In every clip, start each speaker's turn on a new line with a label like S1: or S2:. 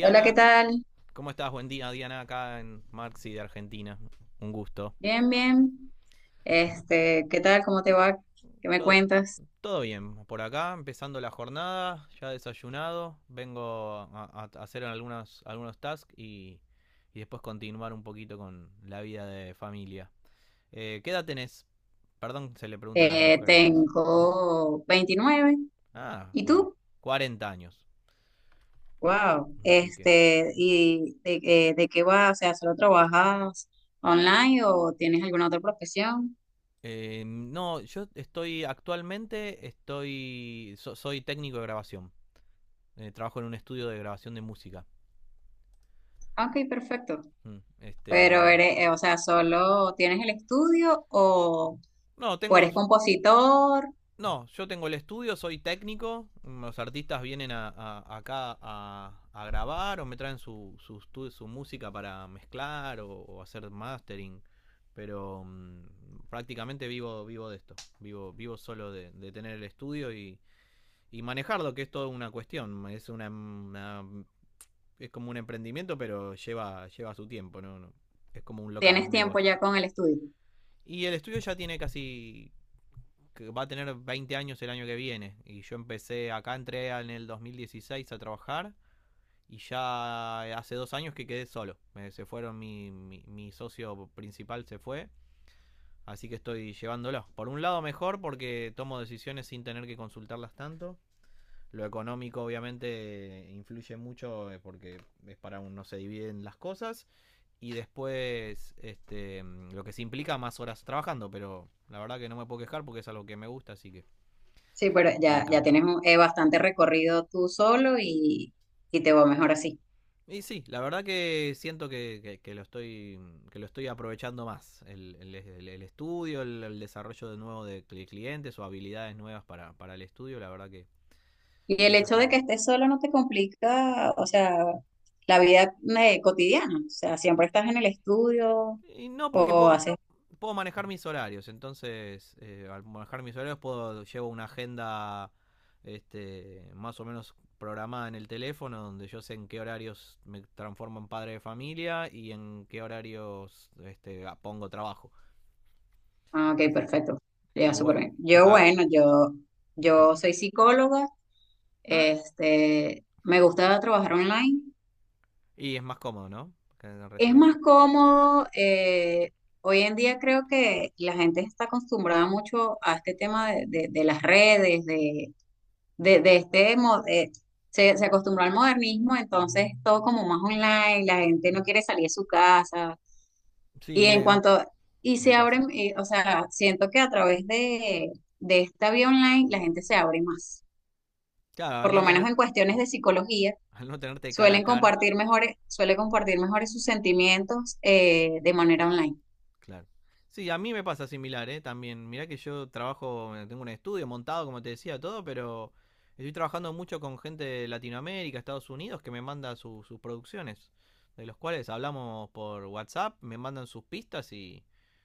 S1: Hola, ¿qué tal?
S2: ¿cómo estás? Buen día, Diana, acá en Marxi de Argentina. Un gusto.
S1: Bien, bien. ¿Qué tal? ¿Cómo te va? ¿Qué me
S2: Todo,
S1: cuentas?
S2: todo bien, por acá, empezando la jornada, ya desayunado, vengo a hacer algunas algunos tasks y después continuar un poquito con la vida de familia. ¿Qué edad tenés? Perdón, se le pregunta a las mujeres eso.
S1: Tengo 29.
S2: Ah,
S1: ¿Y
S2: bueno,
S1: tú?
S2: 40 años.
S1: Wow.
S2: Así que...
S1: ¿Y de qué vas? O sea, ¿solo trabajas online o tienes alguna otra profesión?
S2: No, yo estoy actualmente, estoy, soy técnico de grabación. Trabajo en un estudio de grabación de música.
S1: Ah, Ok, perfecto.
S2: Mm.
S1: Pero eres, o sea, ¿solo tienes el estudio
S2: No,
S1: o
S2: tengo,
S1: eres compositor?
S2: no, yo tengo el estudio, soy técnico. Los artistas vienen a, acá a grabar o me traen su música para mezclar o hacer mastering. Pero prácticamente vivo de esto. Vivo solo de tener el estudio y manejarlo, que es toda una cuestión. Es es como un emprendimiento, pero lleva su tiempo, ¿no? No, es como un local,
S1: ¿Tienes
S2: un
S1: tiempo
S2: negocio.
S1: ya con el estudio?
S2: Y el estudio ya tiene va a tener 20 años el año que viene. Y yo empecé, acá entré en el 2016 a trabajar y ya hace 2 años que quedé solo. Se fueron, mi socio principal se fue. Así que estoy llevándolo. Por un lado mejor porque tomo decisiones sin tener que consultarlas tanto. Lo económico obviamente influye mucho, porque es para uno se dividen las cosas y después lo que se implica más horas trabajando, pero la verdad que no me puedo quejar porque es algo que me gusta, así que
S1: Sí, pero
S2: me
S1: ya
S2: encanta.
S1: tienes bastante recorrido tú solo y te va mejor así.
S2: Y sí, la verdad que siento que lo estoy, que lo estoy aprovechando más. El estudio, el desarrollo de nuevo de clientes o habilidades nuevas para el estudio, la verdad
S1: Y
S2: que
S1: el
S2: eso
S1: hecho
S2: está
S1: de que
S2: bueno.
S1: estés solo no te complica, o sea, la vida cotidiana. O sea, siempre estás en el estudio
S2: Y no, porque
S1: o
S2: puedo,
S1: haces...
S2: puedo manejar mis horarios. Entonces, al manejar mis horarios, puedo llevo una agenda, más o menos programada en el teléfono, donde yo sé en qué horarios me transformo en padre de familia y en qué horarios pongo trabajo.
S1: Ah, ok,
S2: Así que,
S1: perfecto. Ya, súper
S2: igual.
S1: bien.
S2: ah,
S1: Yo soy psicóloga.
S2: ah,
S1: Me gusta trabajar online.
S2: y es más cómodo, ¿no? Que
S1: Es
S2: recibir
S1: más
S2: gente.
S1: cómodo. Hoy en día creo que la gente está acostumbrada mucho a este tema de de las redes, de, de este, mo- eh, se acostumbró al modernismo, entonces todo como más online, la gente no quiere salir de su casa. Y
S2: Sí,
S1: en
S2: me,
S1: cuanto, y
S2: me
S1: se
S2: pasa.
S1: abren, o sea, siento que a través de esta vía online la gente se abre más,
S2: Claro,
S1: por lo menos en cuestiones de psicología,
S2: al no tenerte cara a cara.
S1: suele compartir mejores sus sentimientos de manera online.
S2: Claro. Sí, a mí me pasa similar, ¿eh? También. Mirá que yo trabajo, tengo un estudio montado, como te decía, todo, pero estoy trabajando mucho con gente de Latinoamérica, Estados Unidos, que me manda sus producciones, de los cuales hablamos por WhatsApp, me mandan sus pistas y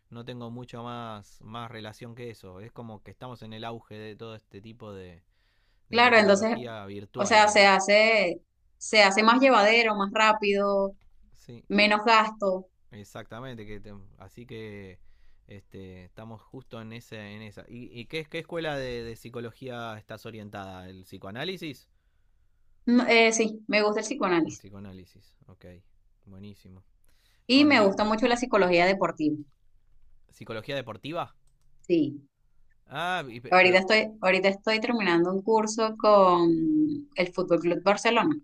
S2: no tengo mucho más, más relación que eso. Es como que estamos en el auge de todo este tipo de
S1: Claro, entonces,
S2: tecnología
S1: o
S2: virtual,
S1: sea,
S2: digamos.
S1: se hace más llevadero, más rápido,
S2: Sí.
S1: menos gasto.
S2: Exactamente, así que estamos justo en esa. ¿Y qué escuela de psicología estás orientada? ¿El psicoanálisis?
S1: No, sí, me gusta el
S2: El
S1: psicoanálisis.
S2: psicoanálisis, ok, buenísimo.
S1: Y
S2: ¿Con
S1: me
S2: di-
S1: gusta mucho la psicología deportiva.
S2: Psicología deportiva?
S1: Sí.
S2: Ah, y pe- pero
S1: Ahorita estoy terminando un curso con el Fútbol Club Barcelona,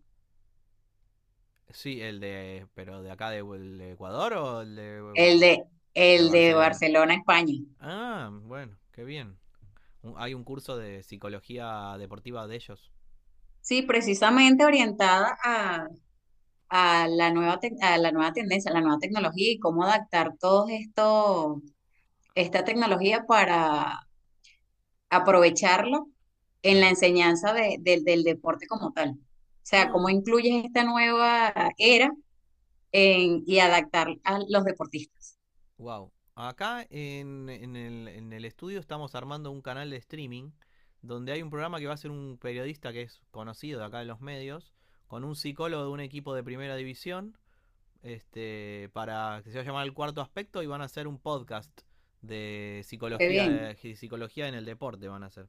S2: sí, el de, pero de acá de, el de Ecuador o el de, Bar-
S1: el
S2: Bar-
S1: de,
S2: de
S1: el de
S2: Barcelona.
S1: Barcelona, España.
S2: Ah, bueno, qué bien. Hay un curso de psicología deportiva de ellos.
S1: Sí, precisamente orientada a la a la nueva tendencia, a la nueva tecnología y cómo adaptar todo esto, esta tecnología para aprovecharla en la
S2: Claro.
S1: enseñanza del deporte como tal. O sea, cómo
S2: Ah.
S1: incluyes esta nueva era en- y adaptar a los deportistas.
S2: Wow. Acá en el estudio estamos armando un canal de streaming donde hay un programa que va a ser un periodista que es conocido de acá en los medios, con un psicólogo de un equipo de primera división, este, para que se va a llamar el cuarto aspecto y van a hacer un podcast
S1: Qué bien.
S2: de psicología en el deporte, van a hacer,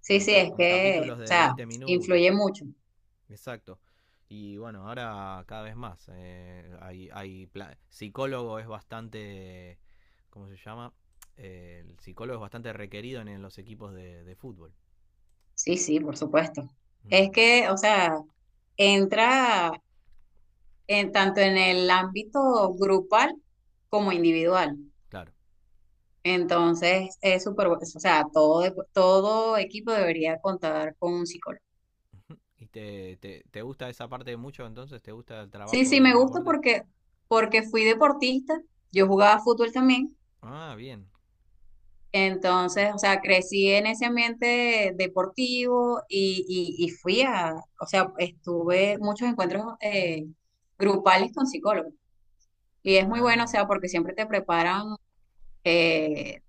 S1: Sí, sí,
S2: con,
S1: es
S2: con
S1: que,
S2: capítulos
S1: o
S2: de
S1: sea,
S2: 20
S1: influye
S2: minutos.
S1: mucho.
S2: Exacto. Y bueno, ahora cada vez más. Hay psicólogo es bastante, ¿cómo se llama? El psicólogo es bastante requerido en los equipos de fútbol.
S1: Sí, sí, por supuesto. Es
S2: Mm,
S1: que, o sea, entra en tanto en el ámbito grupal como individual.
S2: claro.
S1: Entonces, es súper, o sea, todo equipo debería contar con un psicólogo.
S2: ¿Y te gusta esa parte mucho entonces? ¿Te gusta el
S1: Sí,
S2: trabajo
S1: sí,
S2: en
S1: me
S2: el
S1: gusta
S2: deporte?
S1: porque, porque fui deportista, yo jugaba fútbol también.
S2: Ah, bien.
S1: Entonces, o sea, crecí en ese ambiente deportivo y, y fui a, o sea, estuve muchos encuentros grupales con psicólogos. Y es muy bueno, o
S2: Ah,
S1: sea, porque siempre te preparan eh,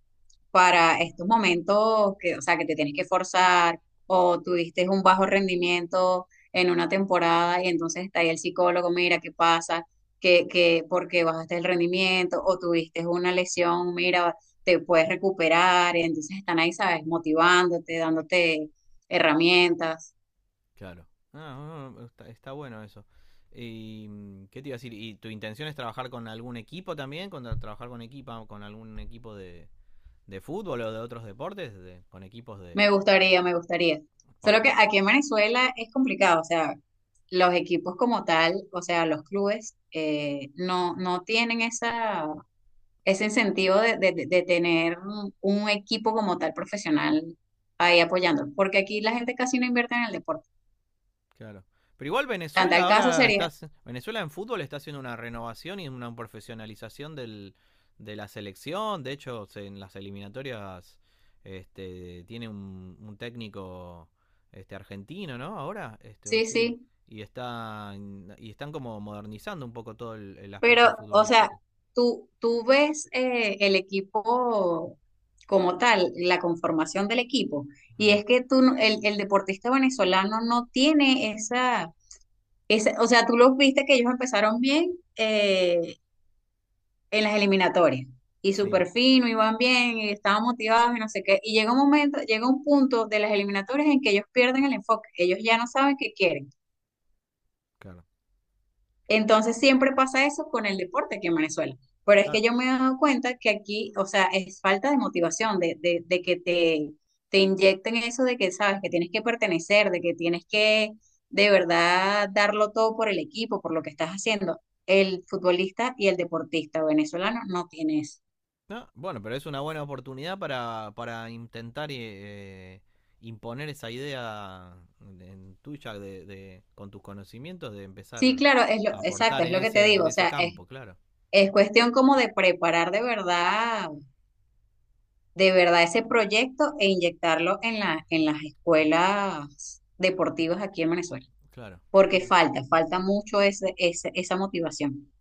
S1: para estos momentos que, o sea, que te tienes que forzar o tuviste un bajo rendimiento en una temporada y entonces está ahí el psicólogo, mira qué pasa, que porque bajaste el rendimiento o tuviste una lesión, mira, te puedes recuperar, y entonces están ahí, sabes, motivándote, dándote herramientas.
S2: claro. Ah, ah, está, está bueno eso. ¿Y mm, qué te iba a decir? ¿Y tu intención es trabajar con algún equipo también? ¿Con, trabajar con equipa, con algún equipo de fútbol o de otros deportes de- con equipos de...
S1: Me gustaría, me gustaría.
S2: par-
S1: Solo que
S2: pa-
S1: aquí en Venezuela es complicado, o sea, los equipos como tal, o sea, los clubes, no, no tienen esa, ese incentivo de tener un equipo como tal profesional ahí apoyando, porque aquí la gente casi no invierte en el deporte.
S2: Claro? Pero igual
S1: Tan tal
S2: Venezuela
S1: caso
S2: ahora
S1: sería,
S2: está... Venezuela en fútbol está haciendo una renovación y una profesionalización del, de la selección. De hecho, en las eliminatorias este, tiene un técnico argentino, ¿no? Ahora, o
S1: sí,
S2: sí,
S1: sí,
S2: y están como modernizando un poco todo el aspecto
S1: pero, o sea,
S2: futbolístico.
S1: tú ves el equipo como tal, la conformación del equipo, y
S2: Mm,
S1: es que tú, el deportista venezolano no tiene esa, esa, o sea, tú los viste que ellos empezaron bien, en las eliminatorias. Y
S2: sí.
S1: súper fino, iban bien, y estaban motivados y no sé qué. Y llega un momento, llega un punto de las eliminatorias en que ellos pierden el enfoque, ellos ya no saben qué quieren.
S2: Claro.
S1: Entonces siempre pasa eso con el deporte aquí en Venezuela. Pero es que
S2: Claro.
S1: yo me he dado cuenta que aquí, o sea, es falta de motivación, de que te inyecten eso de que sabes que tienes que pertenecer, de que tienes que de verdad darlo todo por el equipo, por lo que estás haciendo. El futbolista y el deportista venezolano no tiene eso.
S2: No, bueno, pero es una buena oportunidad para intentar, imponer esa idea en tuya de- con tus conocimientos de
S1: Sí,
S2: empezar
S1: claro,
S2: a
S1: exacto,
S2: aportar
S1: es lo que te
S2: en
S1: digo, o
S2: ese
S1: sea,
S2: campo, claro,
S1: es cuestión como de preparar de verdad ese proyecto e inyectarlo en en las escuelas deportivas aquí en Venezuela,
S2: claro.
S1: porque
S2: Qué-
S1: falta mucho esa motivación.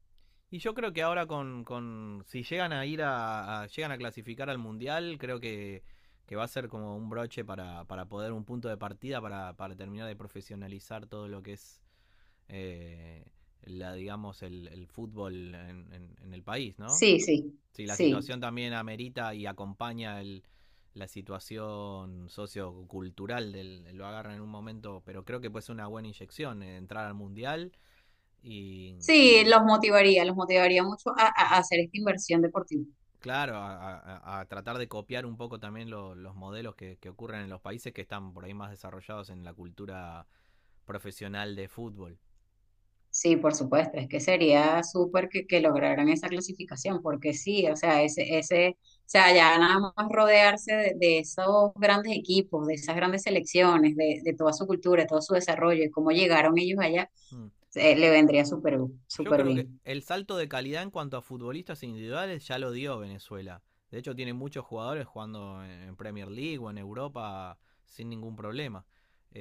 S2: Y yo creo que ahora con si llegan a ir a- llegan a clasificar al mundial, creo que va a ser como un broche para poder un punto de partida para terminar de profesionalizar todo lo que es, eh, la digamos el fútbol en el país, ¿no?
S1: Sí, sí,
S2: Sí, la
S1: sí,
S2: situación también amerita y acompaña la situación sociocultural del lo agarran en un momento, pero creo que puede ser una buena inyección, entrar al mundial y, y
S1: sí, los motivaría mucho a a hacer esta inversión deportiva.
S2: claro, a tratar de copiar un poco también los modelos que ocurren en los países que están por ahí más desarrollados en la cultura profesional de fútbol.
S1: Sí, por supuesto, es que sería súper que lograran esa clasificación, porque sí, o sea, o sea, ya nada más rodearse de esos grandes equipos, de esas grandes selecciones, de toda su cultura, de todo su desarrollo y cómo llegaron ellos allá,
S2: Mm.
S1: le vendría súper,
S2: Yo
S1: súper
S2: creo que
S1: bien.
S2: el salto de calidad en cuanto a futbolistas individuales ya lo dio Venezuela. De hecho, tiene muchos jugadores jugando en Premier League o en Europa sin ningún problema.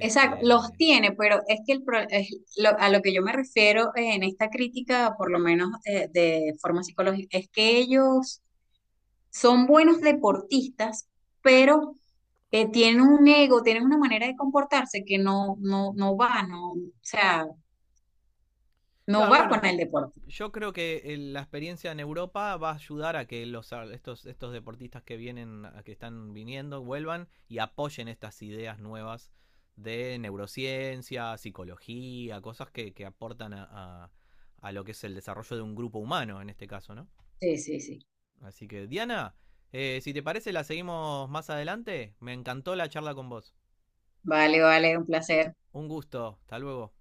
S1: Exacto, los tiene, pero es que el, es a lo que yo me refiero en esta crítica, por lo menos de forma psicológica, es que ellos son buenos deportistas, pero tienen un ego, tienen una manera de comportarse que no, no, no va, no, o sea, no
S2: claro,
S1: va
S2: bueno,
S1: con el deporte.
S2: yo creo que la experiencia en Europa va a ayudar a que los, a estos deportistas que vienen, a que están viniendo, vuelvan y apoyen estas ideas nuevas de neurociencia, psicología, cosas que aportan a, a- a lo que es el desarrollo de un grupo humano en este caso, ¿no?
S1: Sí, sí, sí.
S2: Así que, Diana, si te parece, la seguimos más adelante. Me encantó la charla con vos.
S1: Vale, vale, un placer.
S2: Un gusto. Hasta luego.